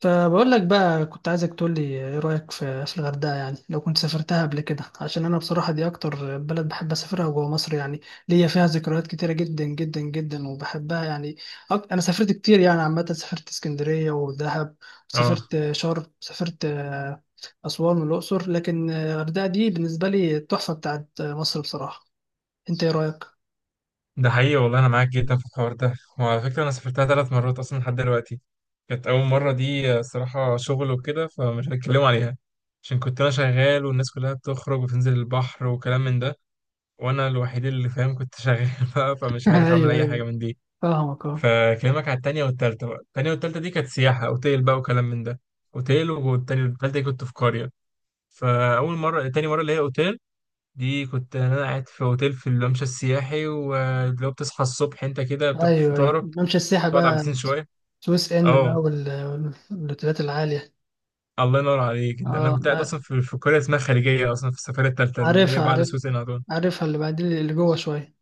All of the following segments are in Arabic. فبقول لك بقى كنت عايزك تقول لي ايه رأيك في الغردقة، يعني لو كنت سافرتها قبل كده. عشان انا بصراحة دي اكتر بلد بحب اسافرها جوه مصر يعني، ليا فيها ذكريات كتيرة جدا جدا جدا وبحبها يعني. انا سافرت كتير يعني، عامة سافرت اسكندرية ودهب، اه، سافرت شرم، سافرت اسوان والاقصر، لكن الغردقة دي بالنسبة لي التحفة بتاعت مصر بصراحة. انت ايه رأيك؟ ده حقيقي والله انا معاك جدا في الحوار ده. وعلى فكره انا سافرتها 3 مرات اصلا لحد دلوقتي. كانت اول مره دي صراحه شغل وكده، فمش هتكلم عليها عشان كنت انا شغال والناس كلها بتخرج وتنزل البحر وكلام من ده، وانا الوحيد اللي فاهم كنت شغال بقى، فمش عارف اعمل ايوه، اي حاجه ايوه، من دي. فاهمك، اه. فكلمك على التانية والتالتة بقى. التانية والتالتة دي كانت سياحة اوتيل بقى وكلام من ده، اوتيل. والتانية والتالتة دي كنت في قرية. فاول مره، تاني مره اللي هي اوتيل، دي كنت انا قاعد في اوتيل في الممشى السياحي، ولو بتصحى الصبح انت كده بتاخد ايوه، ايوه، فطارك، ممشى السياحة تقعد على البسين بقى. شويه. سويس ان بقى اه والاوتيلات العالية. الله ينور عليك. انت انا اه، كنت قاعد اصلا في قريه اسمها خليجيه اصلا، في السفاره الثالثه اللي هي عارفها، بعد عارف. سويس هدول. عارفها، اللي بعدين اللي جوه شويه.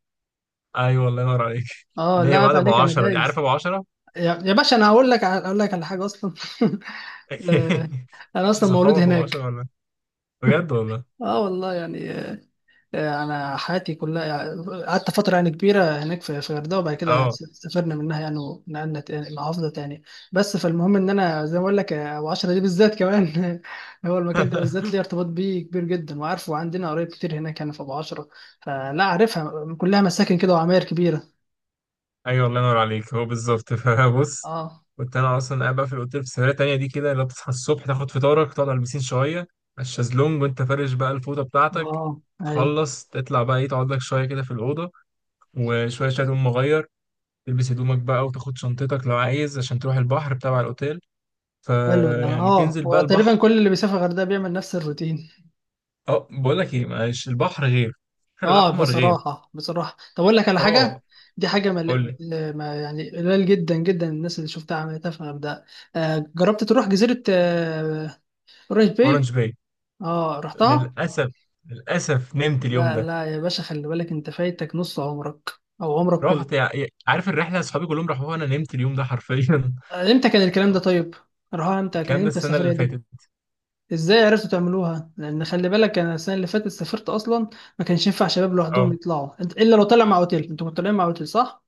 ايوه الله ينور عليك. اه، اللي لا هي عيب بعد ابو عليك، انا 10 دي، عارف دايس. ابو 10؟ يا، باشا، انا هقول لك اقول لك على حاجه اصلا. آه، انا اصلا مولود صحابك ابو 10 هناك. ولا؟ بجد والله؟ اه والله يعني. انا حياتي كلها يعني قعدت فتره يعني كبيره هناك في الغردقه، وبعد كده اه. سافرنا منها يعني، ونقلنا محافظه تاني. بس فالمهم ان انا زي ما اقول لك، ابو عشرة دي بالذات كمان هو المكان ده بالذات ليه ارتباط بيه كبير جدا، وعارفه، وعندنا قرايب كتير هناك يعني في ابو عشرة. فلا، عارفها كلها مساكن كده وعماير كبيره. ايوه الله ينور عليك، هو بالظبط. فبص، اه. كنت انا اصلا قاعد بقى في الاوتيل، في سفريه تانيه دي كده، اللي هو بتصحى الصبح تاخد فطارك، تقعد على البسين شويه على الشازلونج وانت فارش بقى الفوطه بتاعتك. اه. اي. تخلص تطلع بقى، ايه، تقعد لك شويه كده في الاوضه، وشويه شويه تقوم مغير، تلبس هدومك بقى وتاخد شنطتك لو عايز، عشان تروح البحر بتاع الاوتيل. حلو ده. فيعني اه، تنزل بقى وتقريبا البحر. كل اللي بيسافر الغردقه بيعمل نفس الروتين. اه بقول لك ايه، معلش، البحر غير. البحر اه الاحمر غير. بصراحة، بصراحة طب اقول لك على اه حاجة. دي حاجة قول لي. ما يعني، قليل جدا جدا الناس اللي شفتها عملتها في الغردقة. جربت تروح جزيرة قريش باي؟ اورنج باي. اه، رحتها. للاسف. للاسف نمت اليوم لا ده. لا يا باشا، خلي بالك انت فايتك نص عمرك، او عمرك كله. رحت عارف الرحله، اصحابي كلهم راحوها، انا نمت اليوم ده حرفيا. آه، امتى كان الكلام ده طيب؟ راها امتى؟ كان الكلام ده امتى السنه السفرية اللي دي؟ فاتت. ازاي عرفتوا تعملوها؟ لان خلي بالك، انا السنة اللي فاتت سافرت اصلا، ما كانش ينفع شباب لوحدهم اه يطلعوا، الا لو طلع مع اوتيل. انتوا كنتوا طالعين مع اوتيل، صح؟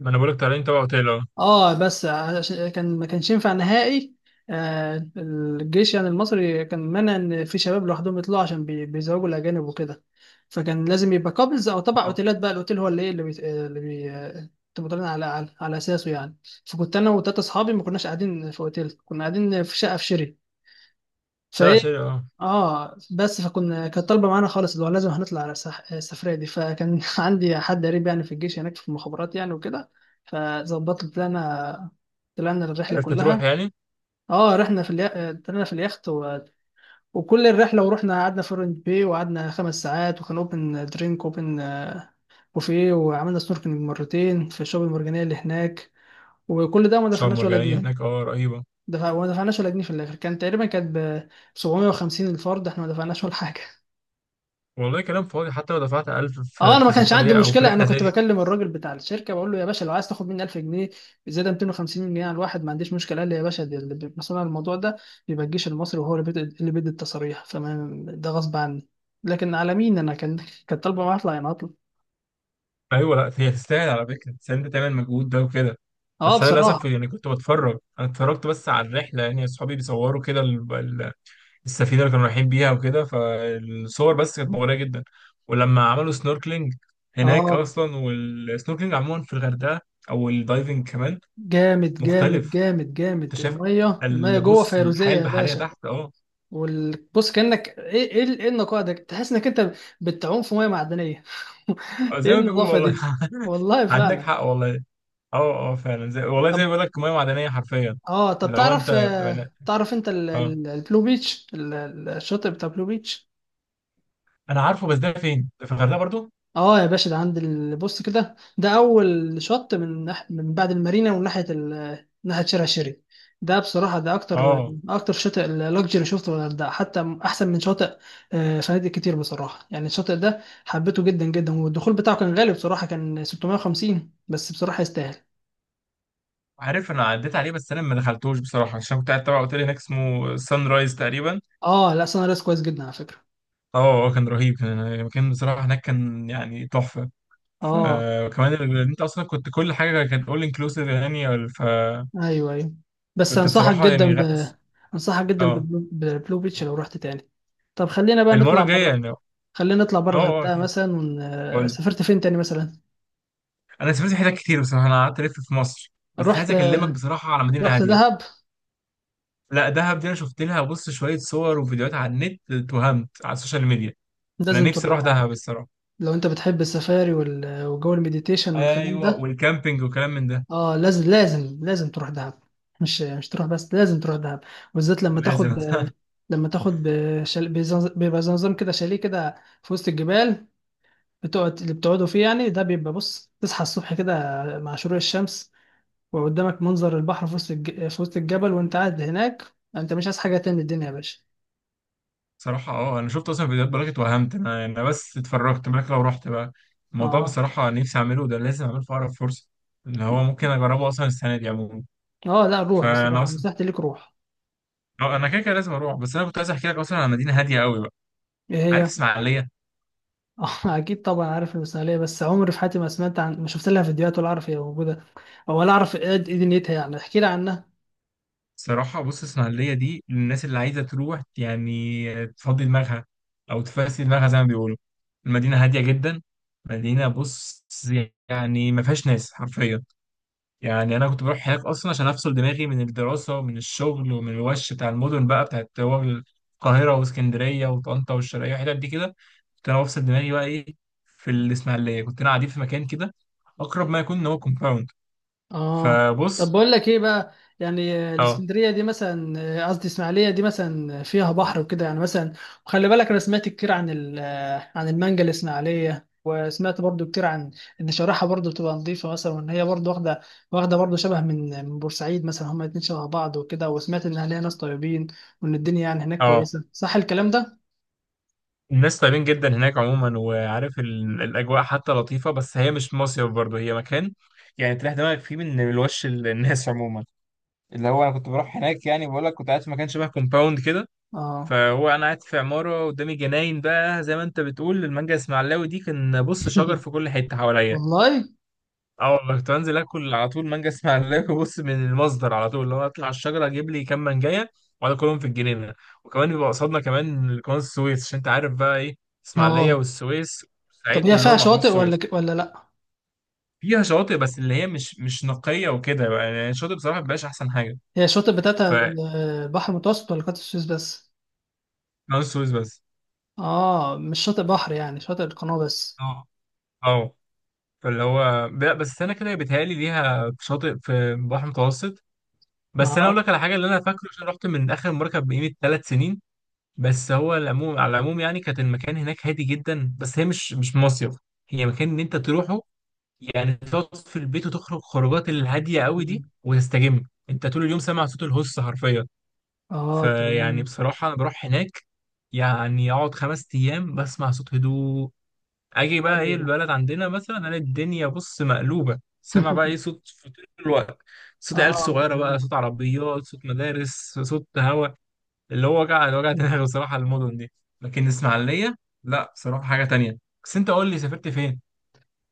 ما انا بقولك طالعين تبع اوتيل، اه. اه بس عشان كان، ما كانش ينفع نهائي. الجيش يعني المصري كان منع ان في شباب لوحدهم يطلعوا، عشان بيزوجوا الاجانب وكده. فكان لازم يبقى قابلز او تبع آه. اوتيلات، بقى الاوتيل هو اللي ايه، اللي بي اللي بي آه، تبقى طالعين على على اساسه يعني. فكنت انا وتلاته اصحابي، ما كناش قاعدين في اوتيل، كنا قاعدين في شقه في شيري. شارع فايه، شارع اه. اه، بس فكنا كانت طالبه معانا خالص اللي هو لازم هنطلع على السفريه دي. فكان عندي حد قريب يعني في الجيش هناك، في المخابرات يعني وكده، فظبطت. طلعنا، طلعنا الرحله عرفت تروح كلها. يعني. اه، رحنا في طلعنا في اليخت وكل الرحله. ورحنا قعدنا في اورنج باي، وقعدنا خمس ساعات، وكان اوبن درينك، اوبن بوفيه، وعملنا سنوركلينج مرتين في الشعب المرجانيه اللي هناك. وكل ده ما شرم دفعناش ولا مرجانيه جنيه. هناك، اه رهيبه. ما دفعناش ولا جنيه. في الاخر كان تقريبا، كانت ب 750 الفرد. احنا ما دفعناش ولا حاجه. والله كلام فاضي، حتى لو دفعت 1000 اه، في انا ما في كانش عندي سفريه او في مشكله. انا رحله زي كنت دي. بكلم الراجل بتاع الشركه، بقول له يا باشا لو عايز تاخد مني 1000 جنيه زياده، 250 جنيه على الواحد، ما عنديش مشكله. قال لي يا باشا، دي اللي بيبقى مسؤول عن الموضوع ده بيبقى الجيش المصري، وهو اللي بيدي، التصاريح. فما ده غصب عني. لكن على مين، انا كان، كانت طالبه معايا اطلع يعني، اطلع. ايوه، لا هي تستاهل على فكره، بس انت تعمل مجهود ده وكده. اه بس انا للاسف بصراحه. يعني كنت بتفرج، انا اتفرجت بس على الرحله، يعني اصحابي بيصوروا كده السفينه اللي كانوا رايحين بيها وكده، فالصور بس كانت مغريه جدا. ولما عملوا سنوركلينج هناك اه، اصلا، والسنوركلينج عموما في الغردقه، او الدايفنج كمان، جامد جامد مختلف. جامد جامد. انت شايف الميه، جوه بص فيروزيه الحياه يا البحريه باشا. تحت، اه. بص كانك ايه، ايه، ايه النقاء ده. تحس انك انت بتعوم في ميه معدنيه. زي ايه ما بيقولوا النظافه والله. دي! والله عندك فعلا. حق والله. اه اه فعلا، زي والله زي ما طب، بيقول لك ميه معدنيه حرفيا. لو انت تعرف بتبقى- تعرف انت اه البلو بيتش، الشاطئ بتاع بلو بيتش؟ انا عارفه، بس ده فين؟ ده في الغردقه برضو؟ اه يا باشا، ده عند بص كده، ده اول شط من من بعد المارينا، وناحيه ناحيه شارع شيري. ده بصراحه ده اكتر، اه. شاطئ لاكجري شفته في الغردقه، حتى احسن من شاطئ فنادق كتير بصراحه. يعني الشاطئ ده حبيته جدا جدا، والدخول بتاعه كان غالي بصراحه، كان 650 بس بصراحه يستاهل. عارف انا عديت عليه، بس انا ما دخلتوش بصراحه، عشان كنت قاعد تبع اوتيل هناك اسمه سان رايز تقريبا. اه لا، سان ريس كويس جدا على فكره. اه. كان رهيب، كان المكان بصراحة هناك كان يعني تحفة. اه. فكمان انت اصلا كنت كل حاجة كانت اول انكلوسيف يعني، فكنت ايوه، ايوه. بس انصحك بصراحة يعني جدا اه. بالبلو، بيتش لو رحت تاني. طب خلينا بقى المرة نطلع الجاية بره، يعني، اه. اه الغردقه اكيد. مثلا. ون... آه، قول لي. سافرت فين تاني مثلا؟ انا سافرت حتت كتير بصراحة، انا قعدت الف في مصر، بس رحت، عايز اكلمك بصراحة على مدينة هادية. دهب. لا دهب دي انا شفت لها، بص، شوية صور وفيديوهات على النت، اتوهمت على السوشيال ميديا. انا لازم نفسي اروح تروح على دهب فكره. الصراحة. لو انت بتحب السفاري وجو المديتيشن والكلام ايوه ده. والكامبينج وكلام من ده. اه لازم، لازم، لازم تروح دهب. مش تروح بس، لازم تروح دهب. بالذات لما تاخد لازم. بيبقى زي نظام كده شاليه كده في وسط الجبال، بتقعد اللي بتقعدوا فيه يعني. ده بيبقى بص، تصحى الصبح كده مع شروق الشمس، وقدامك منظر البحر في وسط الجبل. وانت قاعد هناك، انت مش عايز حاجه تاني من الدنيا يا باشا. صراحة اه انا شفت اصلا فيديوهات، بلاغت وهمت. انا بس اتفرجت، بالك لو رحت بقى؟ الموضوع اه. بصراحة نفسي اعمله ده، لازم اعمله في اقرب فرصة، اللي هو ممكن اجربه اصلا السنة دي عموما. اه لا، الروح فانا بصراحه، اصلا نصيحتي ليك، روح. اه انا كده كده لازم اروح، بس انا كنت عايز احكي لك اصلا عن مدينة هادية قوي بقى. ايه عارف هي؟ اسماعيلية؟ اه، اكيد طبعا، عارف المثاليه، بس عمري في حياتي ما سمعت عن، ما شفت لها فيديوهات ولا اعرف هي موجوده، او ولا اعرف ايه، دنيتها يعني. احكي لي عنها. صراحة بص، اسماعيلية دي للناس اللي عايزة تروح يعني تفضي دماغها، او تفسي دماغها زي ما بيقولوا. المدينة هادية جدا. مدينة، بص، يعني ما فيهاش ناس حرفيا. يعني انا كنت بروح هناك اصلا عشان افصل دماغي من الدراسه ومن الشغل ومن الوش بتاع المدن بقى بتاعت هو، القاهره واسكندريه وطنطا والشرقيه والحتت دي كده. كنت انا بفصل دماغي بقى ايه. في الاسماعيليه كنت انا قاعدين في مكان كده اقرب ما يكون ان هو كومباوند. اه. طب فبص. بقول لك ايه بقى، يعني اه. الاسكندريه دي مثلا، قصدي اسماعيليه دي مثلا، فيها بحر وكده يعني مثلا؟ وخلي بالك انا سمعت كتير عن عن المانجا الاسماعيليه. وسمعت برضو كتير عن ان شارعها برضو بتبقى نظيفه مثلا، وان هي برضو واخده، برضو شبه من بورسعيد مثلا. هما الاتنين شبه بعض وكده. وسمعت ان اهلها ناس طيبين، وان الدنيا يعني هناك اه كويسه. صح الكلام ده؟ الناس طيبين جدا هناك عموما، وعارف الاجواء حتى لطيفه. بس هي مش مصيف برضه، هي مكان يعني تريح دماغك فيه من الوش الناس عموما. اللي هو انا كنت بروح هناك يعني، بقول لك كنت قاعد في مكان شبه كومباوند كده. اه. فهو انا قاعد في عماره قدامي جناين بقى، زي ما انت بتقول المانجا اسماعيلاوي دي، كان بص شجر في كل حته حواليا. والله. اه والله كنت بنزل اكل على طول مانجا اسماعيلاوي، بص، من المصدر على طول، لو اطلع الشجره اجيب لي كام مانجايه واقعد اكلهم في الجنينه. وكمان بيبقى قصادنا كمان قناه السويس، عشان انت عارف بقى ايه، اسماعيليه اه. والسويس والصعيد طب هي فيها كلهم على قناه شواطئ ولا، السويس. لا؟ فيها شواطئ، بس اللي هي مش مش نقيه وكده بقى، يعني الشاطئ بصراحه مبقاش احسن حاجه. هي الشاطئ بتاعتها فقناه البحر المتوسط ولا قناة السويس بس؟ السويس بس. اه، مش شاطئ بحر، يعني شاطئ القناة بس. اه. اه. فاللي هو لا، بس انا كده بيتهيألي ليها شاطئ في بحر متوسط، ما بس انا اقول لك اعرفش. على حاجه اللي انا فاكره عشان رحت من اخر مركب بقيمه 3 سنين. بس هو العموم على العموم يعني كانت المكان هناك هادي جدا، بس هي مش مش مصيف، هي مكان ان انت تروحه يعني، تقعد في البيت وتخرج خروجات الهاديه قوي دي وتستجم. انت طول اليوم سامع صوت الهوس حرفيا. اه تمام. فيعني بصراحه انا بروح هناك يعني اقعد 5 ايام بسمع صوت هدوء. اجي بقى حلو ايه ده. البلد عندنا مثلا، انا الدنيا بص مقلوبه، سامع بقى ايه صوت في طول الوقت، صوت عيال اه صغيره بقى، تمام. صوت عربيات، صوت مدارس، صوت هوا. اللي هو وجع، اللي وجع دماغي بصراحه المدن دي. لكن الاسماعيليه، لا بصراحه حاجه تانية. بس انت قول لي سافرت فين.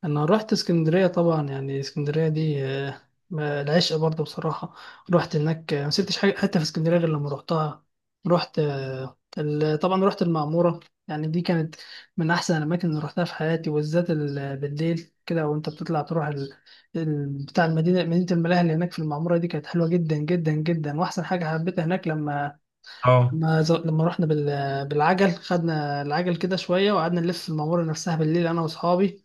انا رحت اسكندريه طبعا. يعني اسكندريه دي العشق برضه بصراحه. رحت هناك ما سبتش حاجه حتى في اسكندريه غير لما رحتها. رحت طبعا رحت المعموره. يعني دي كانت من احسن الاماكن اللي رحتها في حياتي، وبالذات بالليل كده وانت بتطلع تروح بتاع المدينه، مدينه الملاهي اللي هناك في المعموره. دي كانت حلوه جدا جدا جدا. واحسن حاجه حبيتها هناك، لما اه. رحنا بالعجل. خدنا العجل كده شويه وقعدنا نلف المعموره نفسها بالليل انا واصحابي.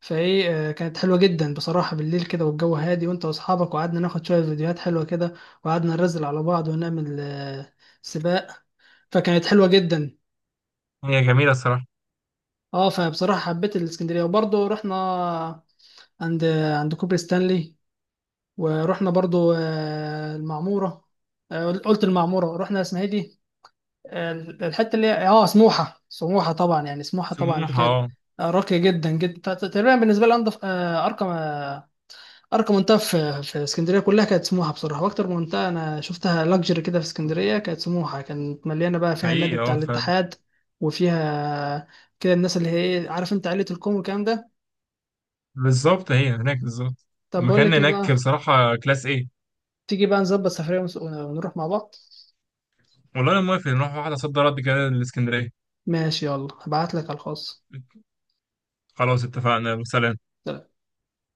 فايه، كانت حلوه جدا بصراحه، بالليل كده والجو هادي، وانت واصحابك. وقعدنا ناخد شويه فيديوهات حلوه كده، وقعدنا نرزل على بعض ونعمل سباق. فكانت حلوه جدا. هي جميله الصراحه. اه، فبصراحه حبيت الاسكندريه. وبرضه رحنا عند، كوبري ستانلي. ورحنا برضه المعموره. قلت المعموره. رحنا اسمها ايه دي، الحته اللي هي اه سموحه. سموحه طبعا يعني، سموحه طبعا دي سموحه كانت اه. راقيه جدا جدا. تقريبا بالنسبه لي انضف، ارقى، منطقه في اسكندريه كلها كانت سموحه بصراحه. واكتر منطقه انا شفتها لاكجري كده في اسكندريه كانت سموحه. كانت مليانه بقى فيها النادي حقيقي بتاع اه فعلا. الاتحاد. وفيها كده الناس اللي هي ايه، عارف انت، عائله الكوم والكلام ده. بالظبط هي هناك بالظبط. طب بقول المكان لك ايه هناك بقى، بصراحه كلاس، ايه؟ تيجي بقى نظبط سفريه ونروح مع بعض؟ والله انا موافق نروح واحده صد رد كده الاسكندريه. ماشي، يلا هبعت لك على الخاص. خلاص اتفقنا وسلام.